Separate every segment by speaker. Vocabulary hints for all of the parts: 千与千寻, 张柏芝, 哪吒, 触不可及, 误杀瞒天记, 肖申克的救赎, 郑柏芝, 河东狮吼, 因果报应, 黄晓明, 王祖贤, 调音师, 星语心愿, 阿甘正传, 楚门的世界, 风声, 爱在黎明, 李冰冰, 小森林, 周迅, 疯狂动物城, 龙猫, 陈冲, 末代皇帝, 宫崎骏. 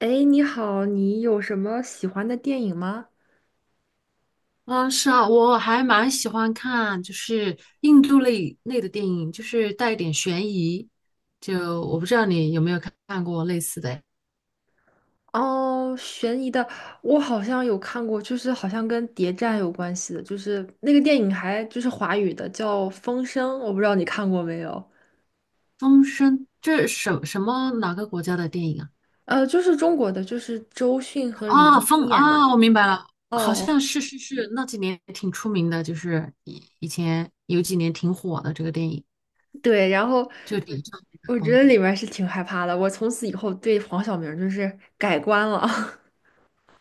Speaker 1: 哎，你好，你有什么喜欢的电影吗？
Speaker 2: 啊，是啊，我还蛮喜欢看，就是印度类的电影，就是带一点悬疑。就我不知道你有没有看过类似的诶。《
Speaker 1: 哦，悬疑的，我好像有看过，就是好像跟谍战有关系的，就是那个电影还就是华语的，叫《风声》，我不知道你看过没有？
Speaker 2: 风声》，这是什么哪个国家的电影啊？
Speaker 1: 呃，就是中国的，就是周迅和李
Speaker 2: 啊，
Speaker 1: 冰冰
Speaker 2: 风
Speaker 1: 演
Speaker 2: 啊，
Speaker 1: 的。
Speaker 2: 我明白了。好
Speaker 1: 哦，
Speaker 2: 像是是是，那几年挺出名的，就是以前有几年挺火的这个电影，
Speaker 1: 对，然后
Speaker 2: 就点上那的
Speaker 1: 我觉
Speaker 2: 哦。
Speaker 1: 得里面是挺害怕的，我从此以后对黄晓明就是改观了。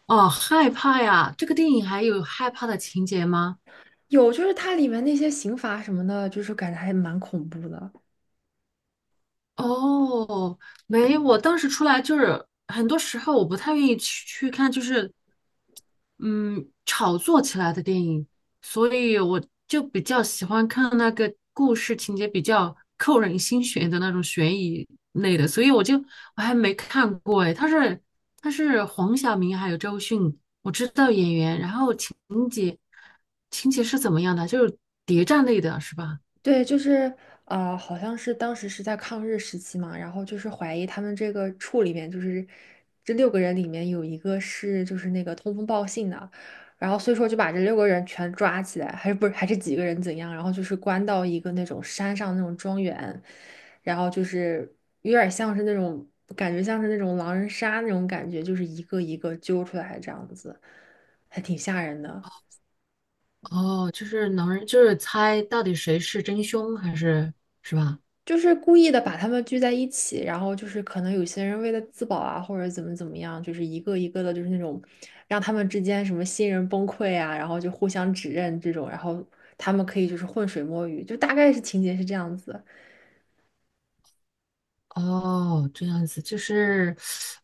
Speaker 2: 哦，害怕呀，这个电影还有害怕的情节吗？
Speaker 1: 有，就是它里面那些刑罚什么的，就是感觉还蛮恐怖的。
Speaker 2: 哦，没有。我当时出来就是很多时候我不太愿意去看，就是嗯炒作起来的电影，所以我就比较喜欢看那个故事情节比较扣人心弦的那种悬疑类的，所以我就我还没看过哎。他是黄晓明还有周迅，我知道演员，然后节情节是怎么样的，就是谍战类的是吧？
Speaker 1: 对，就是好像是当时是在抗日时期嘛，然后就是怀疑他们这个处里面，就是这六个人里面有一个是就是那个通风报信的，然后所以说就把这六个人全抓起来，还是不是还是几个人怎样，然后就是关到一个那种山上那种庄园，然后就是有点像是那种感觉像是那种狼人杀那种感觉，就是一个一个揪出来这样子，还挺吓人的。
Speaker 2: 哦，就是能就是猜到底谁是真凶还是，是吧？
Speaker 1: 就是故意的把他们聚在一起，然后就是可能有些人为了自保啊，或者怎么怎么样，就是一个一个的，就是那种让他们之间什么新人崩溃啊，然后就互相指认这种，然后他们可以就是浑水摸鱼，就大概是情节是这样子。
Speaker 2: 哦，这样子，就是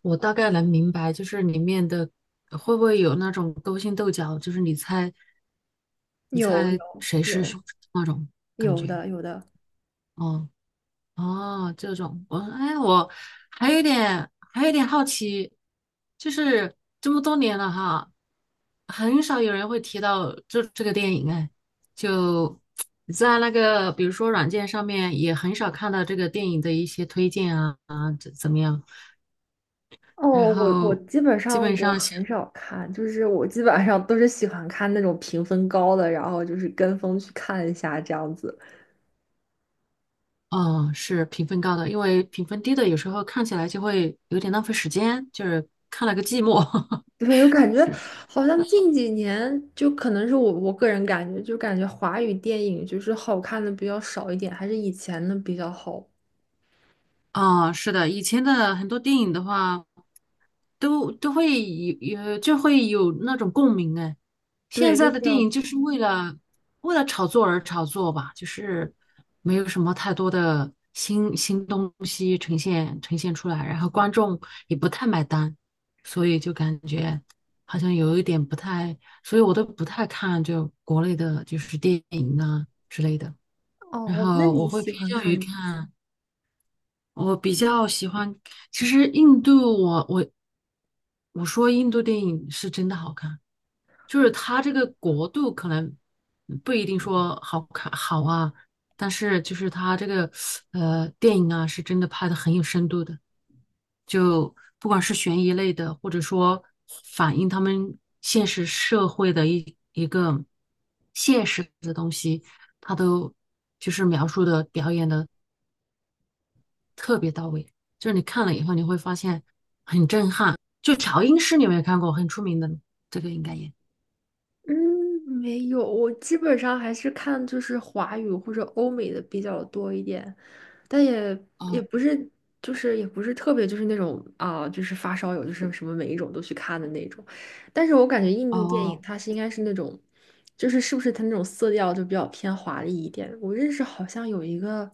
Speaker 2: 我大概能明白，就是里面的会不会有那种勾心斗角，就是你猜你
Speaker 1: 有
Speaker 2: 猜
Speaker 1: 有
Speaker 2: 谁是
Speaker 1: 有
Speaker 2: 凶手那种感
Speaker 1: 有
Speaker 2: 觉。
Speaker 1: 的有的
Speaker 2: 哦哦，这种，我哎，我还有一点好奇，就是这么多年了哈，很少有人会提到这个电影哎，就在那个比如说软件上面也很少看到这个电影的一些推荐啊怎么样，然
Speaker 1: 哦，我
Speaker 2: 后
Speaker 1: 基本
Speaker 2: 基
Speaker 1: 上
Speaker 2: 本
Speaker 1: 我
Speaker 2: 上是，
Speaker 1: 很少看，就是我基本上都是喜欢看那种评分高的，然后就是跟风去看一下这样子。
Speaker 2: 哦，是评分高的，因为评分低的有时候看起来就会有点浪费时间，就是看了个寂寞。
Speaker 1: 对，我 感觉
Speaker 2: 是
Speaker 1: 好像近几年，就可能是我个人感觉，就感觉华语电影就是好看的比较少一点，还是以前的比较好。
Speaker 2: 啊，是的，以前的很多电影的话，都会有就会有那种共鸣哎。现
Speaker 1: 对，就
Speaker 2: 在
Speaker 1: 是
Speaker 2: 的
Speaker 1: 比
Speaker 2: 电
Speaker 1: 较
Speaker 2: 影就是为了炒作而炒作吧，就是没有什么太多的新东西呈现出来，然后观众也不太买单，所以就感觉好像有一点不太，所以我都不太看就国内的就是电影啊之类的。然
Speaker 1: 哦。那
Speaker 2: 后我
Speaker 1: 你
Speaker 2: 会
Speaker 1: 喜
Speaker 2: 偏
Speaker 1: 欢
Speaker 2: 向于
Speaker 1: 看？
Speaker 2: 看。我比较喜欢，其实印度我说印度电影是真的好看，就是它这个国度可能不一定说好看好啊，但是就是它这个电影啊，是真的拍的很有深度的，就不管是悬疑类的，或者说反映他们现实社会的一个现实的东西，它都就是描述的表演的。特别到位，就是你看了以后你会发现很震撼。就调音师，你有没有看过？很出名的，这个应该也。
Speaker 1: 嗯，没有，我基本上还是看就是华语或者欧美的比较多一点。但也也
Speaker 2: 哦
Speaker 1: 不是，就是也不是特别，就是那种啊、就是发烧友，就是什么每一种都去看的那种。但是我感觉印度电影
Speaker 2: 哦，
Speaker 1: 它是应该是那种，就是是不是它那种色调就比较偏华丽一点。我认识好像有一个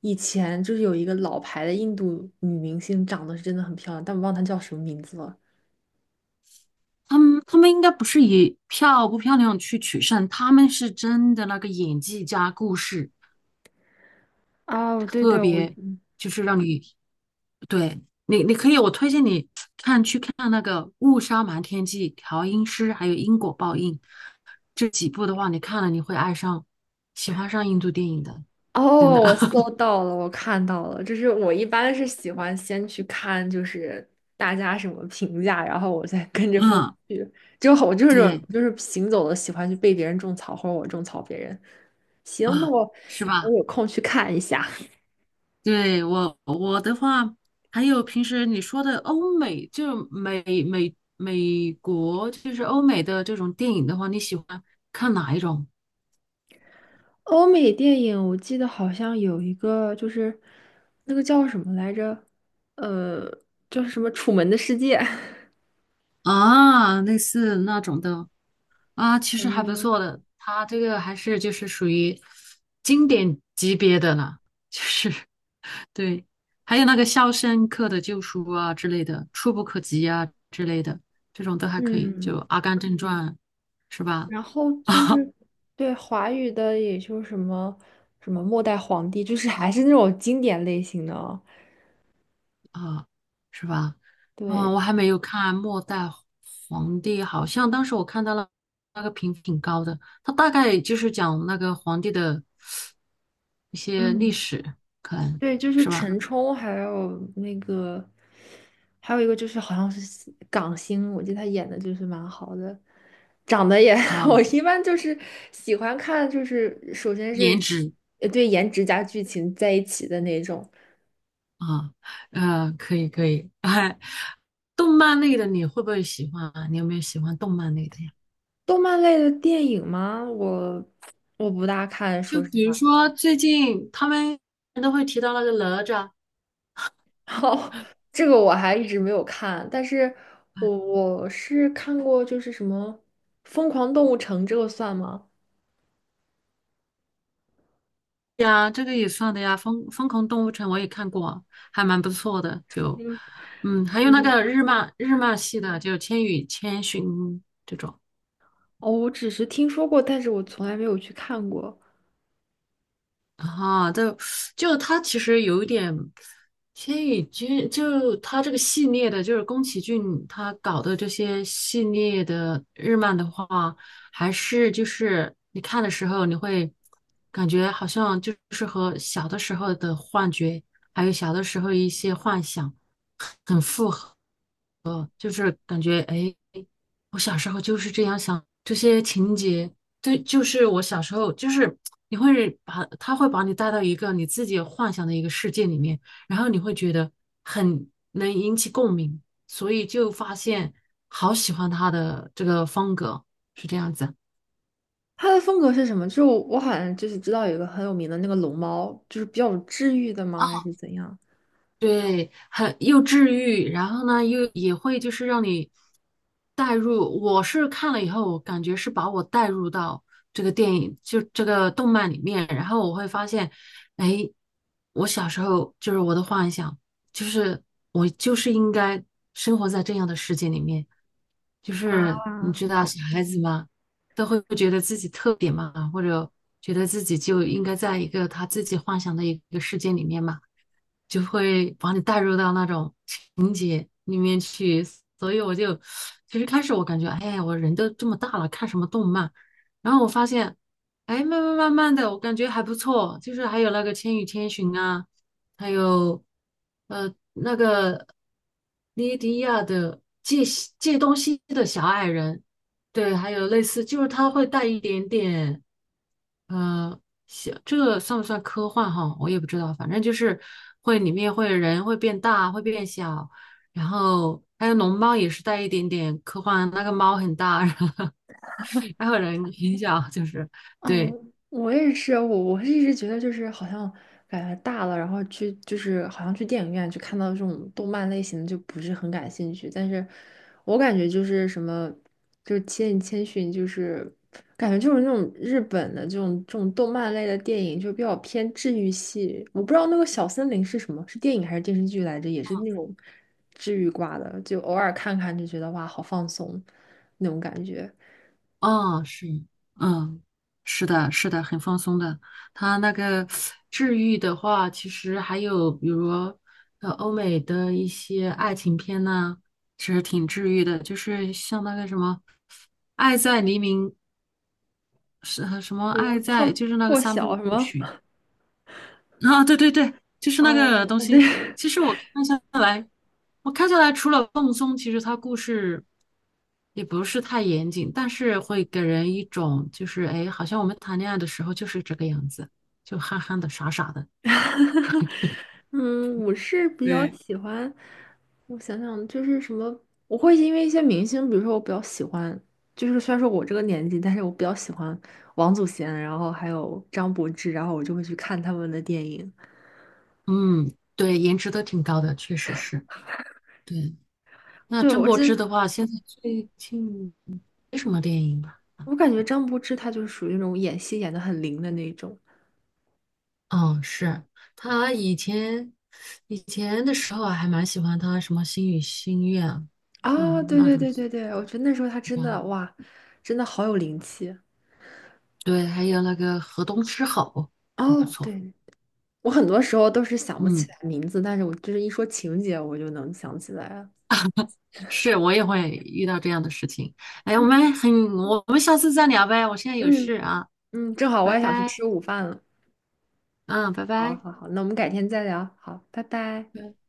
Speaker 1: 以前就是有一个老牌的印度女明星，长得是真的很漂亮，但我忘了她叫什么名字了。
Speaker 2: 他们应该不是以漂不漂亮去取胜，他们是真的那个演技加故事，
Speaker 1: 哦，对
Speaker 2: 特
Speaker 1: 对，我
Speaker 2: 别就是让你，对你，你可以我推荐你去看那个《误杀瞒天记》《调音师》还有《因果报应》。这几部的话，你看了你会爱上，喜欢上印度电影的，真的。
Speaker 1: 哦，我搜 到了，我看到了，就是我一般是喜欢先去看，就是大家什么评价，然后我再跟着风
Speaker 2: 嗯，
Speaker 1: 去。就好我就是这种
Speaker 2: 对，
Speaker 1: 就是行走的，喜欢去被别人种草，或者我种草别人。行，那
Speaker 2: 啊，
Speaker 1: 我
Speaker 2: 是
Speaker 1: 我
Speaker 2: 吧？
Speaker 1: 有空去看一下。
Speaker 2: 对，我的话，还有平时你说的欧美，就美国，就是欧美的这种电影的话，你喜欢看哪一种
Speaker 1: 欧美电影我记得好像有一个，就是那个叫什么来着？呃，就是什么《楚门的世界》
Speaker 2: 啊？类似那种的啊，其实还不
Speaker 1: 嗯，
Speaker 2: 错的，它这个还是就是属于经典级别的了，就是 对，还有那个《肖申克的救赎》啊之类的，《触不可及》啊之类的，这种都还可以，就
Speaker 1: 嗯。
Speaker 2: 《阿甘正传》是吧？
Speaker 1: 然后 就
Speaker 2: 啊。
Speaker 1: 是对华语的，也就什么什么末代皇帝，就是还是那种经典类型的哦。
Speaker 2: 啊，是吧？啊，
Speaker 1: 对，
Speaker 2: 我还没有看《末代皇帝》，好像当时我看到了那个评分挺高的，它大概就是讲那个皇帝的一些
Speaker 1: 嗯，
Speaker 2: 历史，可能
Speaker 1: 对，就是
Speaker 2: 是吧？
Speaker 1: 陈冲，还有那个，还有一个就是好像是港星，我记得他演的就是蛮好的，长得也，
Speaker 2: 哦，
Speaker 1: 我一般就是喜欢看，就是首先是
Speaker 2: 颜值
Speaker 1: 对颜值加剧情在一起的那种
Speaker 2: 啊。可以可以。哎，动漫类的你会不会喜欢啊？你有没有喜欢动漫类的呀？
Speaker 1: 动漫类的电影吗？我不大看，
Speaker 2: 就
Speaker 1: 说实
Speaker 2: 比如
Speaker 1: 话。
Speaker 2: 说最近他们都会提到那个哪吒。
Speaker 1: 哦，这个我还一直没有看，但是我是看过，就是什么《疯狂动物城》，这个算吗？
Speaker 2: 呀，这个也算的呀，疯狂动物城我也看过，还蛮不错的。就，
Speaker 1: 嗯，
Speaker 2: 还有那
Speaker 1: 嗯，
Speaker 2: 个日漫系的，就《千与千寻》。
Speaker 1: 哦，我只是听说过，但是我从来没有去看过。
Speaker 2: 啊，就他其实有一点千与君，就他这个系列的，就是宫崎骏他搞的这些系列的日漫的话，还是就是你看的时候，你会感觉好像就是和小的时候的幻觉，还有小的时候一些幻想。很符合。就是感觉哎，我小时候就是这样想这些情节。对，就是我小时候就是你会把他会把你带到一个你自己幻想的一个世界里面，然后你会觉得很能引起共鸣，所以就发现好喜欢他的这个风格，是这样子。
Speaker 1: 它的风格是什么？就我好像就是知道有一个很有名的那个龙猫，就是比较治愈的吗？还是怎样？
Speaker 2: 对，很又治愈，然后呢，又也会就是让你带入。我是看了以后，我感觉是把我带入到这个电影，就这个动漫里面，然后我会发现，哎，我小时候就是我的幻想，就是我就是应该生活在这样的世界里面。就是你
Speaker 1: 啊？
Speaker 2: 知道，小孩子嘛，都会觉得自己特别嘛，或者觉得自己就应该在一个他自己幻想的一个世界里面嘛。就会把你带入到那种情节里面去，所以我就其实开始我感觉，哎，我人都这么大了，看什么动漫？然后我发现，哎，慢慢慢慢的，我感觉还不错，就是还有那个《千与千寻》啊，还有那个莉迪亚的借东西的小矮人。对，还有类似，就是他会带一点点。嗯，呃行，这个算不算科幻哈？我也不知道，反正就是会里面会人会变大，会变小，然后还有龙猫也是带一点点科幻，那个猫很大，然后还有人很小，就是
Speaker 1: 哦，
Speaker 2: 对。
Speaker 1: 我也是，我是一直觉得就是好像感觉大了，然后去就是好像去电影院去看到这种动漫类型的就不是很感兴趣，但是我感觉就是什么就是《千与千寻》，就是感觉就是那种日本的这种这种动漫类的电影就比较偏治愈系，我不知道那个小森林是什么，是电影还是电视剧来着，也是那种治愈挂的，就偶尔看看就觉得哇好放松那种感觉，
Speaker 2: 哦，是，嗯，是的，是的，很放松的。它那个治愈的话，其实还有比如欧美的一些爱情片呐、其实挺治愈的，就是像那个什么，《爱在黎明》，是什么
Speaker 1: 什么
Speaker 2: 爱在，
Speaker 1: 胖
Speaker 2: 就是那个
Speaker 1: 破
Speaker 2: 三
Speaker 1: 晓
Speaker 2: 部
Speaker 1: 什么。
Speaker 2: 曲。啊，对对对，就是那个
Speaker 1: 哦，
Speaker 2: 东
Speaker 1: 我对，
Speaker 2: 西。其实我看下来除了放松，其实它故事也不是太严谨，但是会给人一种就是哎，好像我们谈恋爱的时候就是这个样子，就憨憨的、傻傻的。
Speaker 1: 嗯，我是比较
Speaker 2: 对。
Speaker 1: 喜欢，我想想，就是什么，我会因为一些明星，比如说我比较喜欢，就是虽然说我这个年纪，但是我比较喜欢王祖贤，然后还有张柏芝，然后我就会去看他们的电影。
Speaker 2: 嗯，对，颜值都挺高的，确实是。对，那
Speaker 1: 对，
Speaker 2: 郑
Speaker 1: 我
Speaker 2: 柏芝的
Speaker 1: 是，
Speaker 2: 话，现在最近没什么电影吧？
Speaker 1: 我感觉张柏芝她就是属于那种演戏演的很灵的那种。
Speaker 2: 嗯，是他以前的时候啊还蛮喜欢他什么《星语心愿》，
Speaker 1: 啊，
Speaker 2: 像
Speaker 1: 对
Speaker 2: 那
Speaker 1: 对
Speaker 2: 种
Speaker 1: 对对对，我觉得那时候她真的
Speaker 2: 啊。
Speaker 1: 哇，真的好有灵气。
Speaker 2: 对，还有那个河东狮吼，很不
Speaker 1: 哦，
Speaker 2: 错。
Speaker 1: 对我很多时候都是想不起
Speaker 2: 嗯，
Speaker 1: 来名字，但是我就是一说情节，我就能想起来了。
Speaker 2: 是我也会遇到这样的事情。哎，我
Speaker 1: 嗯
Speaker 2: 们很，我们下次再聊呗，我现在有
Speaker 1: 嗯，
Speaker 2: 事啊，
Speaker 1: 嗯，正好我
Speaker 2: 拜
Speaker 1: 也想去
Speaker 2: 拜。
Speaker 1: 吃午饭了。
Speaker 2: 嗯，拜
Speaker 1: 好
Speaker 2: 拜。
Speaker 1: 好好，那我们改天再聊。好，拜拜。
Speaker 2: 对。